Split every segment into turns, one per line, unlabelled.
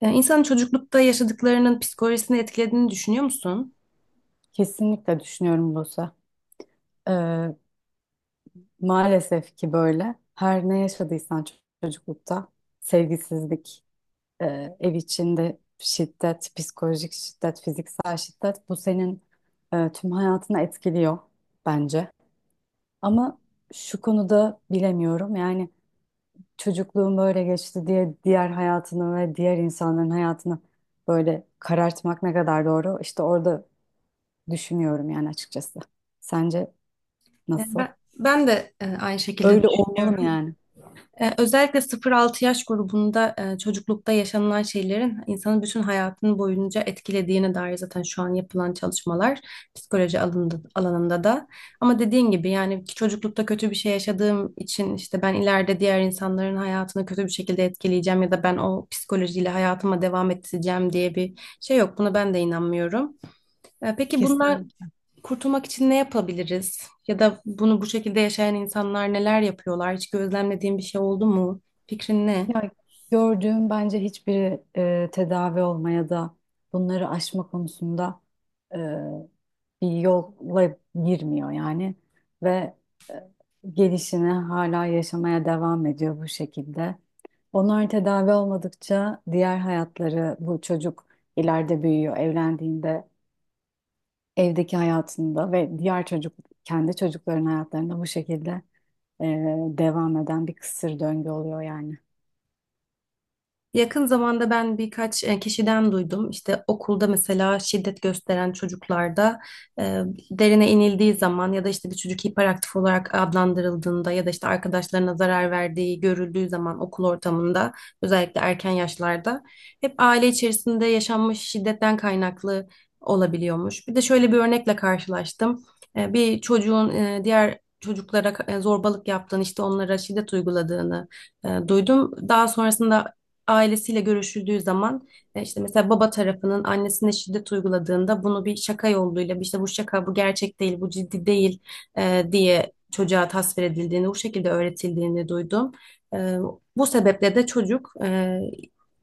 Yani insanın çocuklukta yaşadıklarının psikolojisini etkilediğini düşünüyor musun?
Kesinlikle düşünüyorum Buse. Ee, Maalesef ki böyle. Her ne yaşadıysan çocuklukta sevgisizlik, ev içinde şiddet, psikolojik şiddet, fiziksel şiddet bu senin tüm hayatını etkiliyor bence. Ama şu konuda bilemiyorum. Yani çocukluğum böyle geçti diye diğer hayatını ve diğer insanların hayatını böyle karartmak ne kadar doğru? İşte orada düşünüyorum yani açıkçası. Sence
Yani
nasıl?
ben, ben de e, aynı şekilde
Öyle olmalı mı
düşünüyorum.
yani?
Özellikle 0-6 yaş grubunda çocuklukta yaşanılan şeylerin insanın bütün hayatını boyunca etkilediğine dair zaten şu an yapılan çalışmalar psikoloji alanında da. Ama dediğin gibi yani ki çocuklukta kötü bir şey yaşadığım için işte ben ileride diğer insanların hayatını kötü bir şekilde etkileyeceğim ya da ben o psikolojiyle hayatıma devam edeceğim diye bir şey yok. Buna ben de inanmıyorum. Peki bunlar
Kesinlikle.
kurtulmak için ne yapabiliriz? Ya da bunu bu şekilde yaşayan insanlar neler yapıyorlar? Hiç gözlemlediğin bir şey oldu mu? Fikrin ne?
Ya, gördüğüm bence hiçbiri tedavi olmaya da, bunları aşma konusunda e, bir yolla girmiyor yani. Ve e, gelişini hala yaşamaya devam ediyor bu şekilde. Onlar tedavi olmadıkça diğer hayatları, bu çocuk ileride büyüyor, evlendiğinde evdeki hayatında ve diğer çocuk, kendi çocukların hayatlarında bu şekilde e, devam eden bir kısır döngü oluyor yani.
Yakın zamanda ben birkaç kişiden duydum. İşte okulda mesela şiddet gösteren çocuklarda e, derine inildiği zaman ya da işte bir çocuk hiperaktif olarak adlandırıldığında ya da işte arkadaşlarına zarar verdiği görüldüğü zaman okul ortamında özellikle erken yaşlarda hep aile içerisinde yaşanmış şiddetten kaynaklı olabiliyormuş. Bir de şöyle bir örnekle karşılaştım. Bir çocuğun diğer çocuklara zorbalık yaptığını işte onlara şiddet uyguladığını duydum. Daha sonrasında ailesiyle görüşüldüğü zaman işte mesela baba tarafının annesine şiddet uyguladığında bunu bir şaka yoluyla işte bu şaka bu gerçek değil bu ciddi değil diye çocuğa tasvir edildiğini bu şekilde öğretildiğini duydum. E, Bu sebeple de çocuk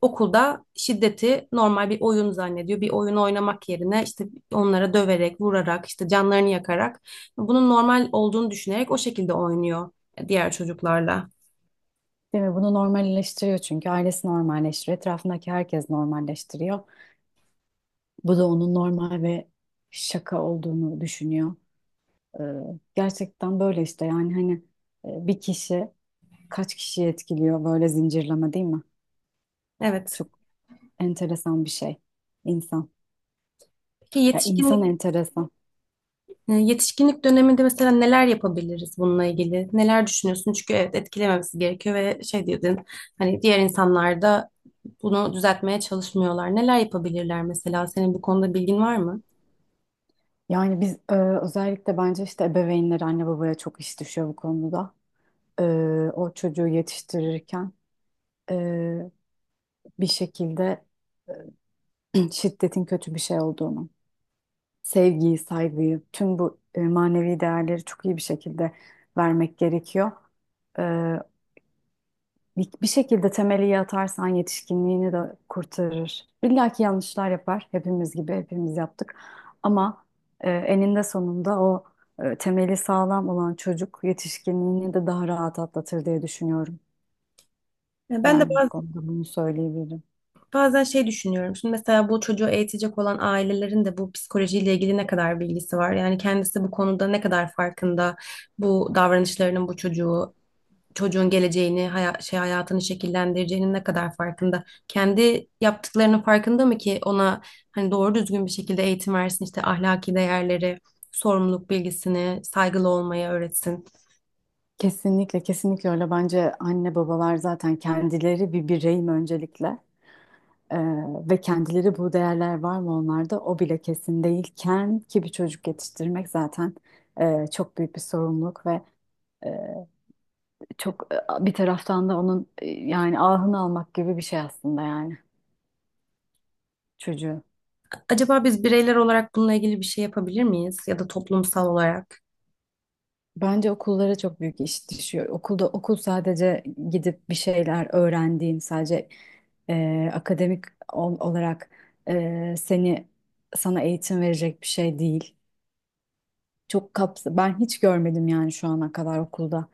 okulda şiddeti normal bir oyun zannediyor. Bir oyun oynamak yerine işte onlara döverek, vurarak, işte canlarını yakarak bunun normal olduğunu düşünerek o şekilde oynuyor diğer çocuklarla.
Değil mi? Bunu normalleştiriyor çünkü ailesi normalleştiriyor. Etrafındaki herkes normalleştiriyor. Bu da onun normal ve şaka olduğunu düşünüyor. Ee, Gerçekten böyle işte, yani hani, bir kişi kaç kişiyi etkiliyor böyle zincirleme, değil mi?
Evet.
Çok enteresan bir şey insan.
Ki
Ya,
yetişkinlik
insan enteresan.
Yetişkinlik döneminde mesela neler yapabiliriz bununla ilgili? Neler düşünüyorsun? Çünkü evet etkilememesi gerekiyor ve şey dedin hani diğer insanlar da bunu düzeltmeye çalışmıyorlar. Neler yapabilirler mesela? Senin bu konuda bilgin var mı?
Yani biz, özellikle bence işte ebeveynler, anne babaya çok iş düşüyor bu konuda. e, O çocuğu yetiştirirken e, bir şekilde şiddetin kötü bir şey olduğunu, sevgiyi, saygıyı, tüm bu manevi değerleri çok iyi bir şekilde vermek gerekiyor. E, bir şekilde temeli iyi atarsan yetişkinliğini de kurtarır. İlla ki yanlışlar yapar, hepimiz gibi, hepimiz yaptık. Ama eninde sonunda o temeli sağlam olan çocuk yetişkinliğini de daha rahat atlatır diye düşünüyorum.
E, Ben de
Yani bu
baz-
konuda bunu söyleyebilirim.
bazen şey düşünüyorum. Şimdi mesela bu çocuğu eğitecek olan ailelerin de bu psikolojiyle ilgili ne kadar bilgisi var? Yani kendisi bu konuda ne kadar farkında? Bu davranışlarının bu çocuğun geleceğini, hayatını şekillendireceğinin ne kadar farkında? Kendi yaptıklarının farkında mı ki ona hani doğru düzgün bir şekilde eğitim versin, işte ahlaki değerleri, sorumluluk bilgisini, saygılı olmayı öğretsin.
Kesinlikle, kesinlikle öyle. Bence anne babalar zaten kendileri bir bireyim öncelikle. Ee, Ve kendileri, bu değerler var mı onlarda, o bile kesin değilken ki bir çocuk yetiştirmek zaten çok büyük bir sorumluluk ve e, bir taraftan da onun yani ahını almak gibi bir şey aslında, yani çocuğu.
Acaba biz bireyler olarak bununla ilgili bir şey yapabilir miyiz ya da toplumsal olarak?
Bence okullara çok büyük iş düşüyor. Okulda, okul sadece gidip bir şeyler öğrendiğin, sadece akademik olarak seni, sana eğitim verecek bir şey değil. Çok kapsa ben hiç görmedim, yani şu ana kadar okulda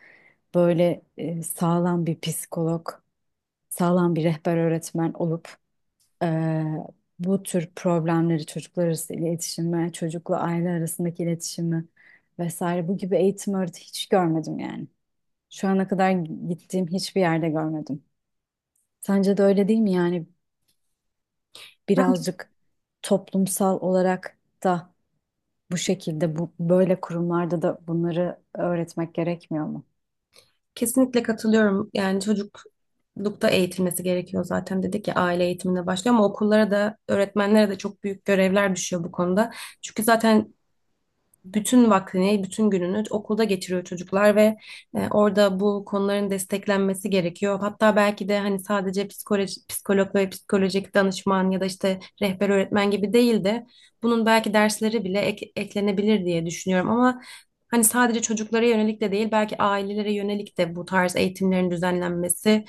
böyle sağlam bir psikolog, sağlam bir rehber öğretmen olup e, bu tür problemleri, çocuklar arası iletişimi, çocukla aile arasındaki iletişimi vesaire, bu gibi eğitim öğreti hiç görmedim yani. Şu ana kadar gittiğim hiçbir yerde görmedim. Sence de öyle değil mi? Yani
Ben
birazcık toplumsal olarak da, bu şekilde, bu böyle kurumlarda da bunları öğretmek gerekmiyor mu?
kesinlikle katılıyorum. Yani çocuklukta eğitilmesi gerekiyor zaten dedik ya aile eğitimine başlıyor ama okullara da öğretmenlere de çok büyük görevler düşüyor bu konuda. Çünkü zaten bütün vaktini, bütün gününü okulda geçiriyor çocuklar ve orada bu konuların desteklenmesi gerekiyor. Hatta belki de hani sadece psikoloji, psikolog ve psikolojik danışman ya da işte rehber öğretmen gibi değil de bunun belki dersleri bile eklenebilir diye düşünüyorum ama hani sadece çocuklara yönelik de değil belki ailelere yönelik de bu tarz eğitimlerin düzenlenmesi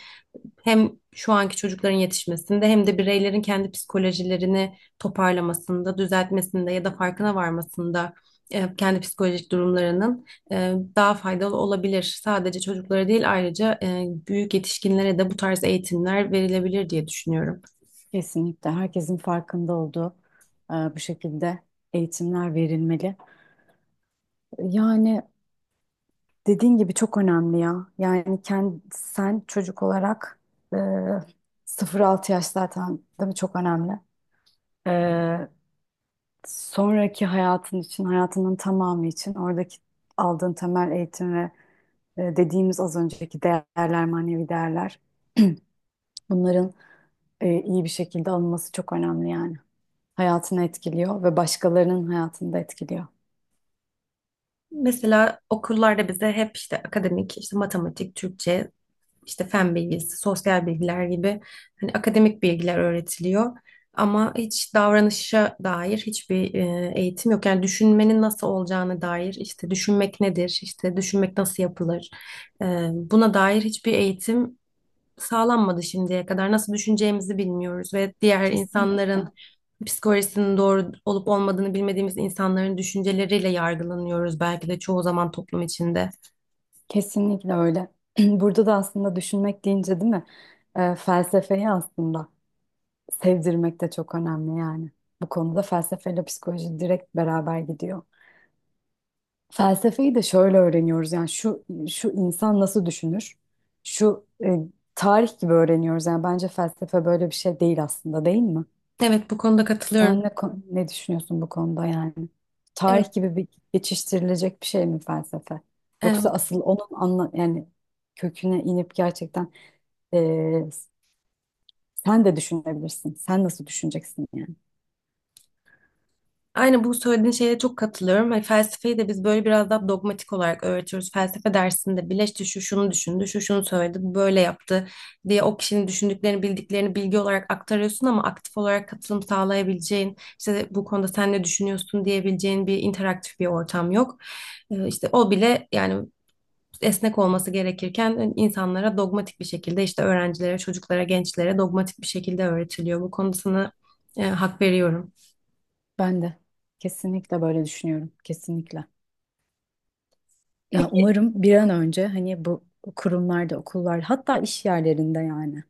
hem şu anki çocukların yetişmesinde hem de bireylerin kendi psikolojilerini toparlamasında, düzeltmesinde ya da farkına varmasında kendi psikolojik durumlarının daha faydalı olabilir. Sadece çocuklara değil ayrıca büyük yetişkinlere de bu tarz eğitimler verilebilir diye düşünüyorum.
Kesinlikle herkesin farkında olduğu, bu şekilde eğitimler verilmeli. Yani dediğin gibi çok önemli ya. Yani kendi, sen çocuk olarak e, 0-6 yaş, zaten değil mi? Çok önemli. E, Sonraki hayatın için, hayatının tamamı için oradaki aldığın temel eğitim ve dediğimiz az önceki değerler, manevi değerler, bunların iyi bir şekilde alınması çok önemli yani. Hayatını etkiliyor ve başkalarının hayatını da etkiliyor.
Mesela okullarda bize hep işte akademik, işte matematik, Türkçe, işte fen bilgisi, sosyal bilgiler gibi hani akademik bilgiler öğretiliyor. Ama hiç davranışa dair hiçbir eğitim yok. Yani düşünmenin nasıl olacağına dair, işte düşünmek nedir, işte düşünmek nasıl yapılır, e, buna dair hiçbir eğitim sağlanmadı şimdiye kadar. Nasıl düşüneceğimizi bilmiyoruz ve diğer insanların
Kesinlikle.
psikolojisinin doğru olup olmadığını bilmediğimiz insanların düşünceleriyle yargılanıyoruz belki de çoğu zaman toplum içinde.
Kesinlikle öyle. Burada da aslında düşünmek deyince, değil mi? Felsefeyi aslında sevdirmek de çok önemli yani. Bu konuda felsefeyle psikoloji direkt beraber gidiyor. Felsefeyi de şöyle öğreniyoruz, yani şu şu insan nasıl düşünür? Şu tarih gibi öğreniyoruz yani, bence felsefe böyle bir şey değil aslında, değil mi?
Evet, bu konuda
Sen
katılıyorum.
ne düşünüyorsun bu konuda yani?
Evet,
Tarih gibi bir geçiştirilecek bir şey mi felsefe? Yoksa
evet.
asıl onun anla yani köküne inip gerçekten, e, sen de düşünebilirsin. Sen nasıl düşüneceksin yani?
Aynen bu söylediğin şeye çok katılıyorum. Hani felsefeyi de biz böyle biraz daha dogmatik olarak öğretiyoruz. Felsefe dersinde bile işte şu şunu düşündü, şu şunu söyledi, bu böyle yaptı diye o kişinin düşündüklerini, bildiklerini bilgi olarak aktarıyorsun ama aktif olarak katılım sağlayabileceğin, işte bu konuda sen ne düşünüyorsun diyebileceğin bir interaktif bir ortam yok. İşte o bile yani esnek olması gerekirken insanlara dogmatik bir şekilde işte öğrencilere, çocuklara, gençlere dogmatik bir şekilde öğretiliyor. Bu konuda sana hak veriyorum.
Ben de kesinlikle böyle düşünüyorum. Kesinlikle. Ya
Peki
umarım bir an önce, hani bu kurumlarda, okullar, hatta iş yerlerinde yani.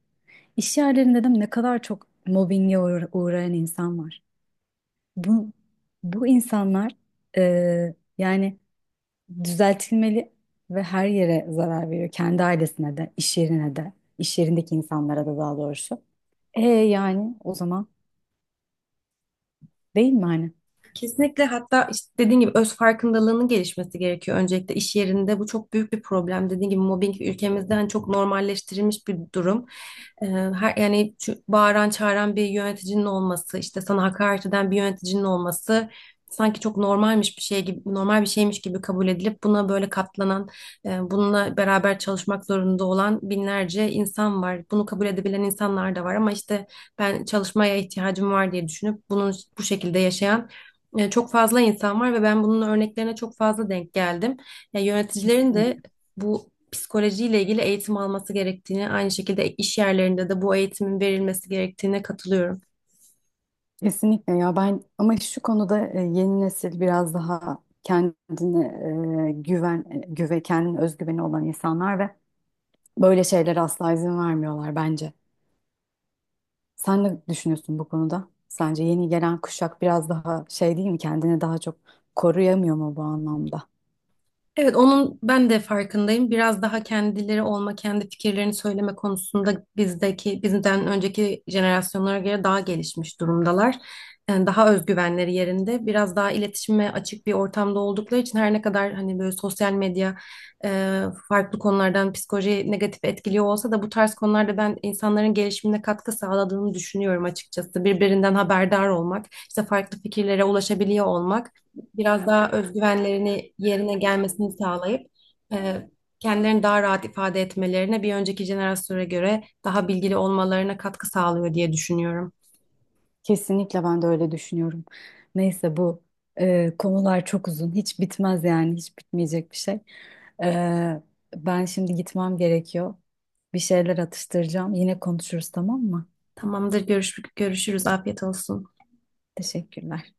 İş yerlerinde de ne kadar çok mobbinge uğrayan insan var. Bu bu insanlar, yani düzeltilmeli ve her yere zarar veriyor. Kendi ailesine de, iş yerine de, iş yerindeki insanlara da, daha doğrusu. Yani o zaman, değil mi hani?
Kesinlikle hatta işte dediğin gibi öz farkındalığının gelişmesi gerekiyor öncelikle iş yerinde. Bu çok büyük bir problem. Dediğin gibi mobbing ülkemizde hani çok normalleştirilmiş bir durum. Her yani şu bağıran çağıran bir yöneticinin olması, işte sana hakaret eden bir yöneticinin olması sanki çok normalmiş bir şey gibi, normal bir şeymiş gibi kabul edilip buna böyle katlanan, bununla beraber çalışmak zorunda olan binlerce insan var. Bunu kabul edebilen insanlar da var ama işte ben çalışmaya ihtiyacım var diye düşünüp bunun bu şekilde yaşayan çok fazla insan var ve ben bunun örneklerine çok fazla denk geldim. Ya yöneticilerin de
Kesinlikle.
bu psikolojiyle ilgili eğitim alması gerektiğini, aynı şekilde iş yerlerinde de bu eğitimin verilmesi gerektiğine katılıyorum.
Kesinlikle ya. Ben ama şu konuda, yeni nesil biraz daha kendine e, güven e, güve kendine özgüveni olan insanlar ve böyle şeylere asla izin vermiyorlar bence. Sen ne düşünüyorsun bu konuda? Sence yeni gelen kuşak biraz daha şey, değil mi, kendini daha çok koruyamıyor mu bu anlamda?
Evet, onun ben de farkındayım. Biraz daha kendileri olma, kendi fikirlerini söyleme konusunda bizdeki, bizden önceki jenerasyonlara göre daha gelişmiş durumdalar. Yani daha özgüvenleri yerinde, biraz daha iletişime açık bir ortamda oldukları için her ne kadar hani böyle sosyal medya e, farklı konulardan psikolojiyi negatif etkiliyor olsa da bu tarz konularda ben insanların gelişimine katkı sağladığını düşünüyorum açıkçası. Birbirinden haberdar olmak, işte farklı fikirlere ulaşabiliyor olmak biraz daha özgüvenlerini yerine gelmesini sağlayıp e, kendilerini daha rahat ifade etmelerine bir önceki jenerasyona göre daha bilgili olmalarına katkı sağlıyor diye düşünüyorum.
Kesinlikle ben de öyle düşünüyorum. Neyse, bu konular çok uzun, hiç bitmez yani, hiç bitmeyecek bir şey. Ee, Ben şimdi gitmem gerekiyor. Bir şeyler atıştıracağım. Yine konuşuruz, tamam mı?
Tamamdır, görüşürüz. Afiyet olsun.
Teşekkürler.